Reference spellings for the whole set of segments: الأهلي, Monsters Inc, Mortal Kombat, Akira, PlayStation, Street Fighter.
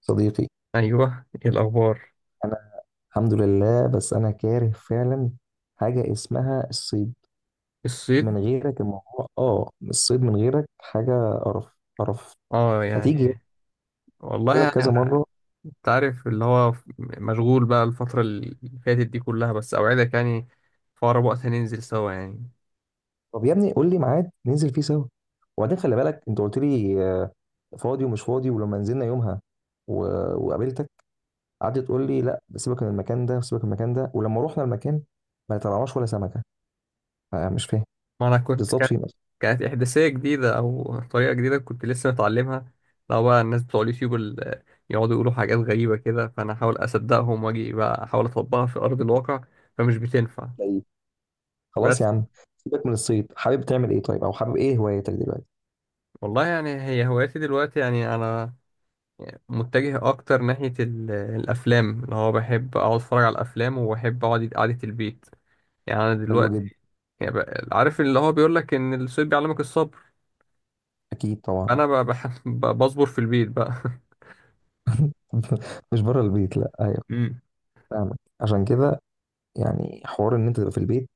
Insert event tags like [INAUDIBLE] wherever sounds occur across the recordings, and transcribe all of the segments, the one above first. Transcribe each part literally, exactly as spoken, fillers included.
صديقي، ايوه، ايه الاخبار؟ انا الحمد لله. بس انا كاره فعلا حاجه اسمها الصيد. الصيد. من غيرك الموضوع، اه الصيد من غيرك حاجه قرف قرف. اه، ما تيجي؟ يعني. والله، قلت لك كذا يعني مره. انت عارف اللي هو ف- مشغول بقى الفتره اللي فاتت دي كلها، بس اوعدك يعني في اقرب وقت هننزل سوا يعني. طب يا ابني قول لي ميعاد ننزل فيه سوا. وبعدين خلي بالك، انت قلت لي آه، فاضي ومش فاضي، ولما نزلنا يومها و... وقابلتك، قعدت تقول لي لا، سيبك من المكان ده، سيبك من المكان ده. ولما رحنا المكان ما طلعناش ولا سمكه. آه، مش فاهم ما انا كنت بالظبط كانت فين؟ كانت احداثيه جديده او طريقه جديده كنت لسه متعلمها. لو بقى الناس بتوع اليوتيوب اللي يقعدوا يقولوا حاجات غريبه كده، فانا احاول اصدقهم واجي بقى احاول اطبقها في ارض الواقع، فمش بتنفع. اصلا بس. خلاص يا عم، سيبك من الصيد. حابب تعمل ايه طيب، او حابب ايه هوايتك دلوقتي؟ والله، يعني هي هوايتي دلوقتي يعني انا يعني متجه اكتر ناحية ال- الافلام، اللي هو بحب اقعد اتفرج على الافلام وبحب اقعد قعدة البيت يعني. انا حلو دلوقتي جدا. يعني بقى- عارف اللي هو بيقول لك ان الصيد بيعلمك الصبر. اكيد طبعا. انا ب- بح- ب- بصبر في البيت بقى. [LAUGHS] [LAUGHS] مش بره البيت؟ لا ايوه، امم. فاهمك عشان كده. يعني حوار ان انت تبقى في البيت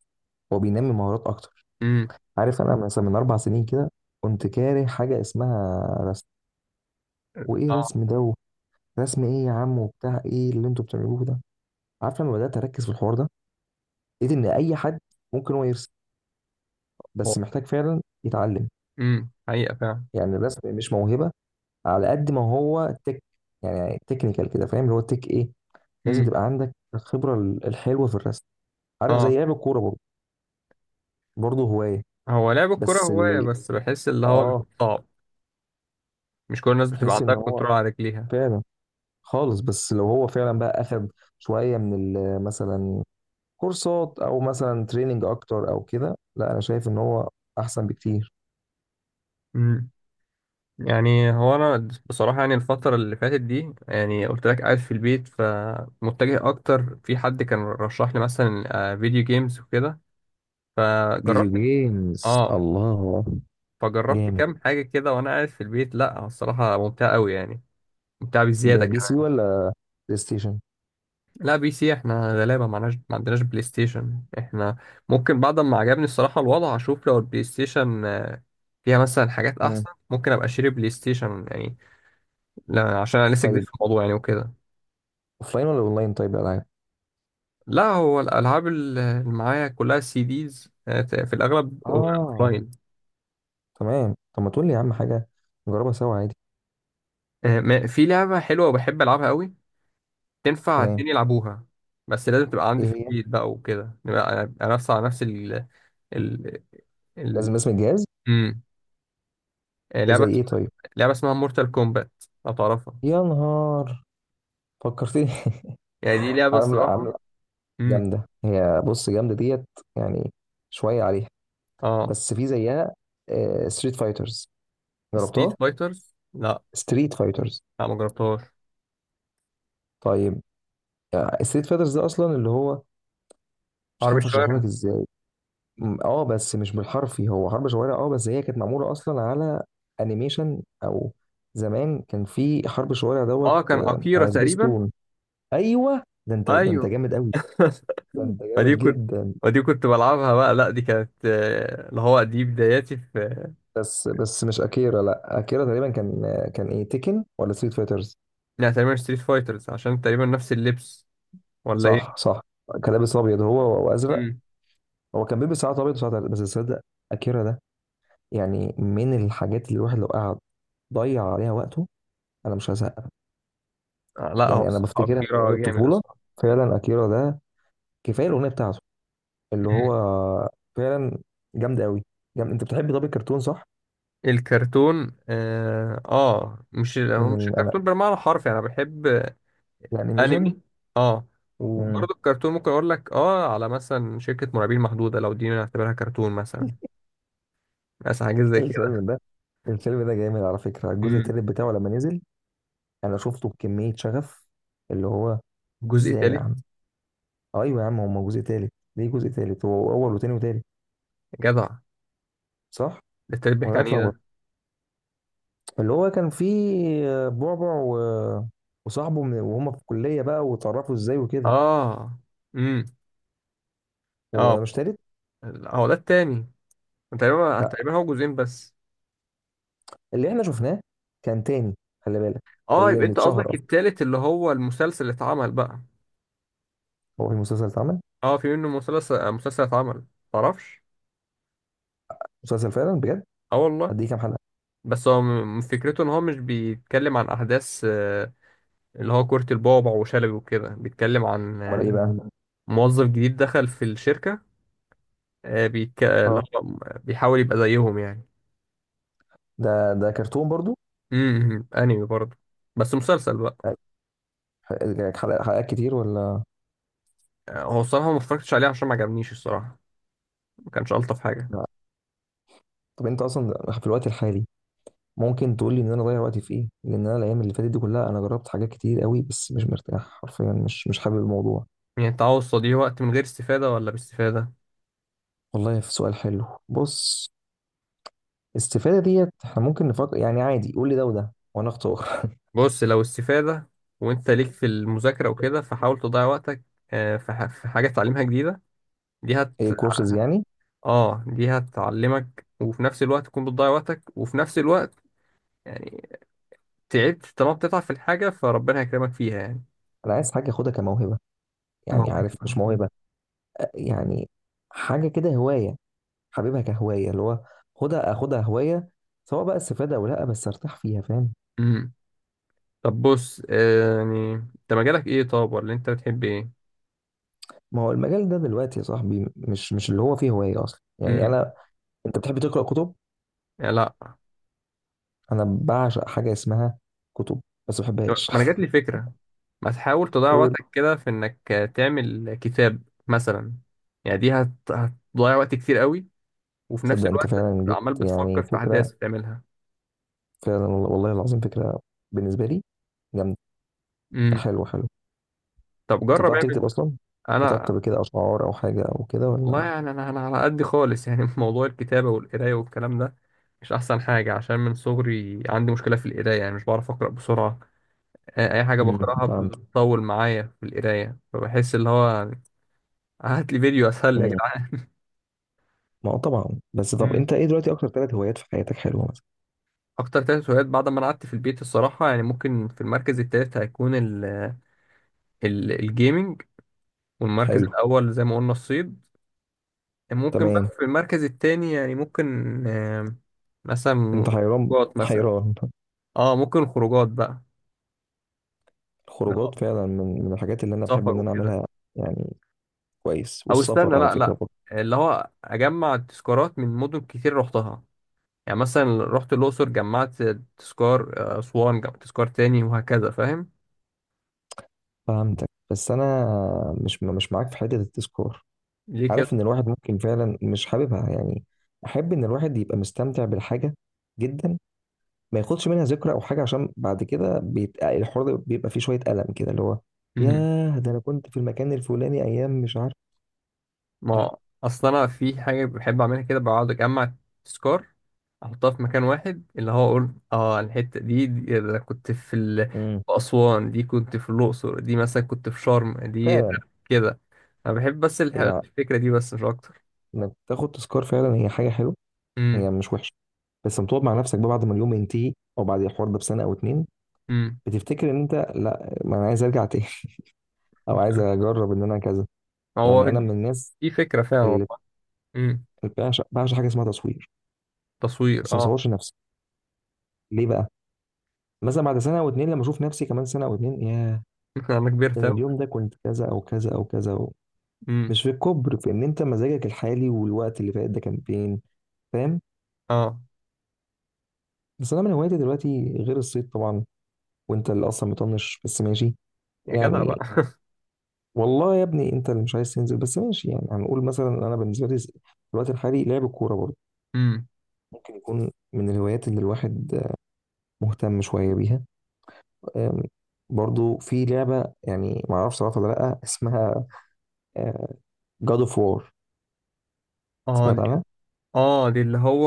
هو بينمي مهارات اكتر. امم. عارف انا مثلا من اربع سنين كده كنت كاره حاجه اسمها رسم. وايه اه. رسم ده؟ رسم ايه يا عم، وبتاع ايه اللي انتوا بتعملوه ده؟ عارف لما بدات اركز في الحوار ده، لقيت ان اي حد ممكن هو يرسم، هو، بس محتاج فعلا يتعلم. امم حقيقة فعلا. يعني الرسم مش موهبه على قد ما هو تك، يعني تكنيكال كده. فاهم اللي هو تك ايه؟ لازم امم. تبقى عندك الخبره ال- الحلوه في الرسم. عارف زي اه. لعب الكوره برضه؟ برضه هوايه. هو لعب الكرة بس هواية، اللي بس بحس اللي هو اه بيبقى صعب. مش كل الناس بتبقى تحس عندها ان هو كنترول على رجليها. فعلا خالص، بس لو هو فعلا بقى اخد شويه من ال- مثلا كورسات، او مثلا تريننج اكتر او كده، لا انا شايف ان هو احسن بكتير. امم. يعني هو انا بصراحه يعني الفتره اللي فاتت دي يعني قلت لك قاعد في البيت، فمتجه اكتر. في حد كان رشح لي مثلا آه، فيديو جيمز وكده، فيديو فجربت. جيمز، اه. الله! فجربت جامد. كام حاجه كده وانا قاعد في البيت، لا الصراحه ممتعه قوي يعني. ممتعه ب- بزياده بي سي كمان. ولا بلاي ستيشن؟ لا، بي سي. احنا غلابه، معناش ما عندناش بلاي ستيشن احنا. ممكن بعد ما عجبني الصراحه الوضع، اشوف لو البلاي ستيشن آه، فيها مثلا حاجات مم. احسن، ممكن ابقى اشتري بلاي ستيشن يعني. لا عشان انا لسه جديد طيب، في الموضوع يعني وكده. اوفلاين ولا اونلاين طيب الالعاب؟ لا، هو الالعاب اللي معايا كلها سي ديز، في الاغلب اه، اوفلاين. تمام. طب ما تقول لي يا عم حاجه نجربها سوا عادي. آه، ما- في لعبه حلوه وبحب العبها قوي، تنفع تمام. اتنين يلعبوها. بس لازم تبقى ايه عندي في هي؟ البيت بقى وكده نبقى. أنا نفس على نفس ال ال ال لازم اسم الجهاز. امم. آه، زي لعبه ايه طيب؟ لعبه اسمها مورتال كومبات، لو تعرفها. يا نهار، فكرتني! [LAUGHS] يعني دي لعبه عامله الصراحه. عامله امم. جامده هي، بص جامده ديت، يعني شويه عليها. اه. بس في زيها ستريت فايترز، ستريت جربتها؟ فايترز، لا. ستريت فايترز. لا، ما جربتهاش. طيب، ستريت فايترز ده اصلا اللي هو مش حرب عارف اشرحه الشوارع. لك ازاي. م، اه بس مش بالحرفي هو حرب شوارع. اه بس هي كانت معموله اصلا على انيميشن، او زمان كان في حرب شوارع دوت اه، كان آه، اكيرا على تقريبا. سبيستون. ايوه، ده انت ده انت ايوه. جامد قوي. [LAUGHS] ده انت فدي جامد كنت جدا. فدي كنت بلعبها بقى، لا دي كانت آه، اللي هو دي بداياتي في. بس بس مش اكيرا، لا اكيرا تقريبا كان آه، كان ايه، تيكن ولا ستريت فايترز؟ يعني تقريبا ستريت فايترز، عشان تقريبا نفس اللبس. ولا صح ايه؟ صح، كان لابس ابيض هو وازرق. امم. هو كان بيلبس ساعات ابيض وساعات أزرق. بس تصدق اكيرا ده يعني من الحاجات اللي الواحد لو قعد ضيع عليها وقته انا مش هزهق. آه، لا، هو يعني انا الصراحة بفتكرها من كتيرة ايام جامد الطفوله. الصراحة. فعلا اكيرا ده، كفايه الاغنيه بتاعته اللي هو امم. فعلا جامد قوي. جامد. انت بتحب طب الكرتون صح؟ الكرتون، اه. آه مش، هو من مش ال... انا الكرتون بالمعنى الحرفي، يعني انا بحب. الانيميشن. انمي. اه. امم. وبرضه الكرتون ممكن اقول لك، اه على مثلا شركة مرعبين محدودة، لو دي نعتبرها كرتون مثلا. مثلا حاجة زي كده. الفيلم ده، الفيلم ده جامد على فكره. الجزء امم. التالت بتاعه لما نزل، انا شفته بكميه شغف اللي هو الجزء ازاي يا التالت؟ عم. ايوه يا عم، هو جزء تالت. ليه جزء تالت؟ هو اول وتاني وتالت جدع. صح ده التالت بيحكي ولا عن ايه اتلخبط؟ ده؟ اللي هو كان فيه بعبع و... وصاحبه من... وهم في الكليه بقى واتعرفوا ازاي وكده. اه. هو اه. ده مش تالت؟ لا، هو ده التاني. تقريبا تقريبا هو جزئين بس. اللي احنا شفناه كان تاني، خلي بالك. اه، اللي يبقى اللي انت اتشهر قصدك اصلا، التالت اللي هو المسلسل اللي اتعمل بقى. هو في المسلسل اللي اتعمل. اه، في منه مسلسل، مسلسل اتعمل. تعرفش؟ مسلسل فعلا بجد. اه والله. قد ايه، كام حلقه؟ بس هو م- فكرته ان هو مش بيتكلم عن احداث آه، اللي هو كرة البعبع وشلبي وكده، بيتكلم عن امال آه، ايه بقى أمم، موظف جديد دخل في الشركة، آه، بيك... اللي اه، هو بيحاول يبقى زيهم يعني. ده ده كرتون برضو. امم، انمي برضه، بس مسلسل بقى. حلقات حلقات كتير ولا آه، هو الصراحة ما اتفرجتش عليه، عشان ما عجبنيش الصراحة. ما كانش ألطف حاجة. لا. طب انت اصلا في الوقت الحالي ممكن تقول لي ان انا اضيع وقتي في ايه؟ لان انا الايام اللي فاتت دي كلها انا جربت حاجات كتير قوي بس مش مرتاح حرفيا، مش مش حابب الموضوع. يعني التعوض دي وقت من غير استفادة ولا باستفادة؟ والله في سؤال حلو، بص. الاستفاده ديت احنا ممكن نفكر، يعني عادي قول لي ده وده وانا اختار. بص، لو استفادة وانت ليك في المذاكرة وكده، فحاول تضيع وقتك آه، في ح- في حاجة تتعلمها جديدة. دي هت [LAUGHS] ايه، كورسز يعني؟ اه، دي هتعلمك، وفي نفس الوقت تكون بتضيع وقتك، وفي نفس الوقت يعني تعبت. طالما بتتعب في الحاجة، فربنا هيكرمك فيها يعني. انا عايز حاجه اخدها كموهبه، ما يعني هو عارف مش كده. موهبه. يعني حاجه كده هوايه، حبيبها كهوايه اللي هو خدها اخدها هوايه، سواء بقى استفاده او لا بس ارتاح فيها. فاهم؟ امم. طب بص، آه، يعني انت مجالك ايه طب، ولا انت بتحب ايه؟ ما هو المجال ده دلوقتي يا صاحبي مش مش اللي هو فيه هوايه اصلا يعني امم. انا. انت بتحب تقرا كتب؟ لا. انا بعشق حاجه اسمها كتب، بس ما ما بحبهاش. انا جات لي فكره. ما تحاول [LAUGHS] تضيع قول. وقتك كده في انك تعمل كتاب مثلا. يعني دي هت... هتضيع وقت كتير قوي، وفي نفس صدق انت الوقت فعلا جبت عمال بتفكر يعني في فكره. احداث بتعملها. فعلا والله العظيم فكره، بالنسبه لي جامده. امم. حلو حلو. طب انت جرب بتعرف اعمل. تكتب اصلا؟ كتبت انا، قبل كده اشعار او حاجه او كده والله ولا؟ يعني انا انا على قد خالص يعني. [LAUGHS] في موضوع الكتابه والقرايه والكلام ده، مش احسن حاجه. عشان من صغري عندي مشكله في القرايه، يعني مش بعرف اقرا بسرعه. آه، اي حاجه مم. بقراها فهمت. بتطول معايا في القرايه، فبحس اللي هو هات لي فيديو اسهل يا جدعان. ما هو طبعا. بس طب انت ايه دلوقتي اكتر ثلاث هوايات في حياتك حلوه مثلا؟ اكتر ثلاث هوايات بعد ما انا قعدت في البيت الصراحه، يعني ممكن في المركز الثالث هيكون ال ال الجيمنج، والمركز حلو. الاول زي ما قلنا الصيد. ممكن بقى تمام. في المركز الثاني يعني، ممكن آه، مثلا انت حيران! خروجات مثلا. حيران. [LAUGHS] اه، ممكن خروجات بقى. لا، الخروجات فعلا من من الحاجات اللي انا بحب سفر ان انا وكده. اعملها، يعني كويس. او استنى، والسفر على لا فكره لا، برضه، اللي هو اجمع تذكارات من مدن كتير رحتها. يعني مثلا رحت الاقصر، جمعت تذكار، آه، اسوان جمعت تذكار تاني، وهكذا، فاهم؟ فهمتك. بس انا مش مش معاك في حته التذكار. ليه؟ عارف ان الواحد ممكن فعلا مش حاببها، يعني احب ان الواحد يبقى مستمتع بالحاجه جدا، ما ياخدش منها ذكرى او حاجه عشان بعد كده بيت... الحوار ده بيبقى فيه شويه الم كده اللي هو: كده، ياه، ده انا كنت في المكان الفلاني ايام مش عارف. لا. ما اصل انا في حاجه بحب اعملها كده. بقعد اجمع تذكار، احطها في مكان واحد، اللي هو اقول، اه الحته دي، دي ده أنا كنت في ال... امم. في اسوان، دي كنت في الاقصر، دي مثلا كنت في شرم دي. فعلا. كده. انا بحب بس الح- يعني الفكره دي بس، مش اكتر. انك تاخد تذكار فعلا هي حاجه حلوه، امم. هي مش وحشه. بس لما تقعد مع نفسك بقى بعد ما اليوم ينتهي او بعد الحوار ده بسنه او اتنين، امم. بتفتكر ان انت لا، ما انا عايز ارجع تاني. [LAUGHS] او عايز اجرب ان انا كذا. يعني هو انا من دي، الناس دي فكره فعلا اللي والله. امم. بعشق بعشق حاجه اسمها تصوير، تصوير، بس ما اه. صورش نفسي. ليه بقى؟ مثلا بعد سنه او اتنين لما اشوف نفسي كمان سنه او اتنين، ياه، [LAUGHS] انا ده كبرت انا اوي. اليوم ده كنت كذا او كذا او كذا أو. امم. مش في الكبر، في ان انت مزاجك الحالي والوقت اللي فات ده كان فين. فاهم؟ اه. بس انا من هواياتي دلوقتي غير الصيد طبعا، وانت اللي اصلا مطنش بس ماشي يا جدع بقى. يعني، [LAUGHS] والله يا ابني انت اللي مش عايز تنزل بس ماشي يعني. هنقول مثلا انا بالنسبه لي في الوقت الحالي لعب الكوره برضه امم. ممكن يكون من الهوايات اللي الواحد مهتم شويه بيها. أم، برضه في لعبه، يعني ما اعرفش صراحه ولا لا، اسمها جاد اوف وار. اه. سمعت دي عنها؟ اه دي اللي هو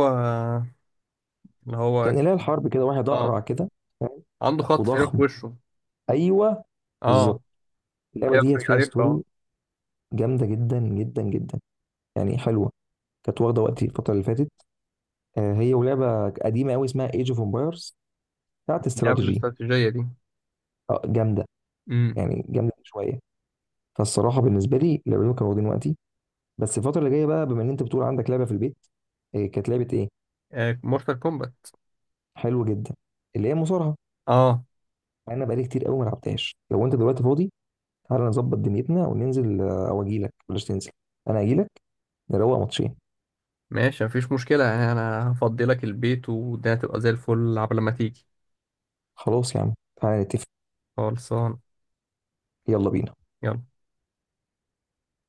اللي هو كان اله الحرب كده، واحد اه اقرع كده. فاهم؟ عنده خط تقريبا في وضخم. وشه. ايوه اه. بالظبط. اللعبه ايوه، ديت فاكر- فيها عارف، ستوري اه. جامده جدا جدا جدا. يعني حلوه. كانت واخده وقتي الفتره اللي فاتت. آه، هي ولعبه قديمه قوي اسمها ايج اوف امبايرز، بتاعت اللعبه استراتيجي. الاستراتيجيه دي. آه، جامده. امم. يعني جامده شويه. فالصراحه بالنسبه لي اللعبتين كانوا واخدين وقتي. بس الفتره اللي جايه بقى بما ان انت بتقول عندك لعبه في البيت، آه، كانت لعبه ايه؟ مورتال كومبات. حلوه جدا، اللي هي مصارعه. اه. مع انا بقالي كتير قوي ما لعبتهاش. لو انت دلوقتي فاضي تعالى نظبط دنيتنا وننزل، آه، او اجي لك بلاش تنزل، انا اجي لك. نروق ماتشين. ماشي، مفيش مشكله يعني. انا هفضي لك البيت، والدنيا هتبقى زي الفل عبال ما تيجي. خلاص يا عم، تعالى نتفق. خلصان. يلا بينا. يلا.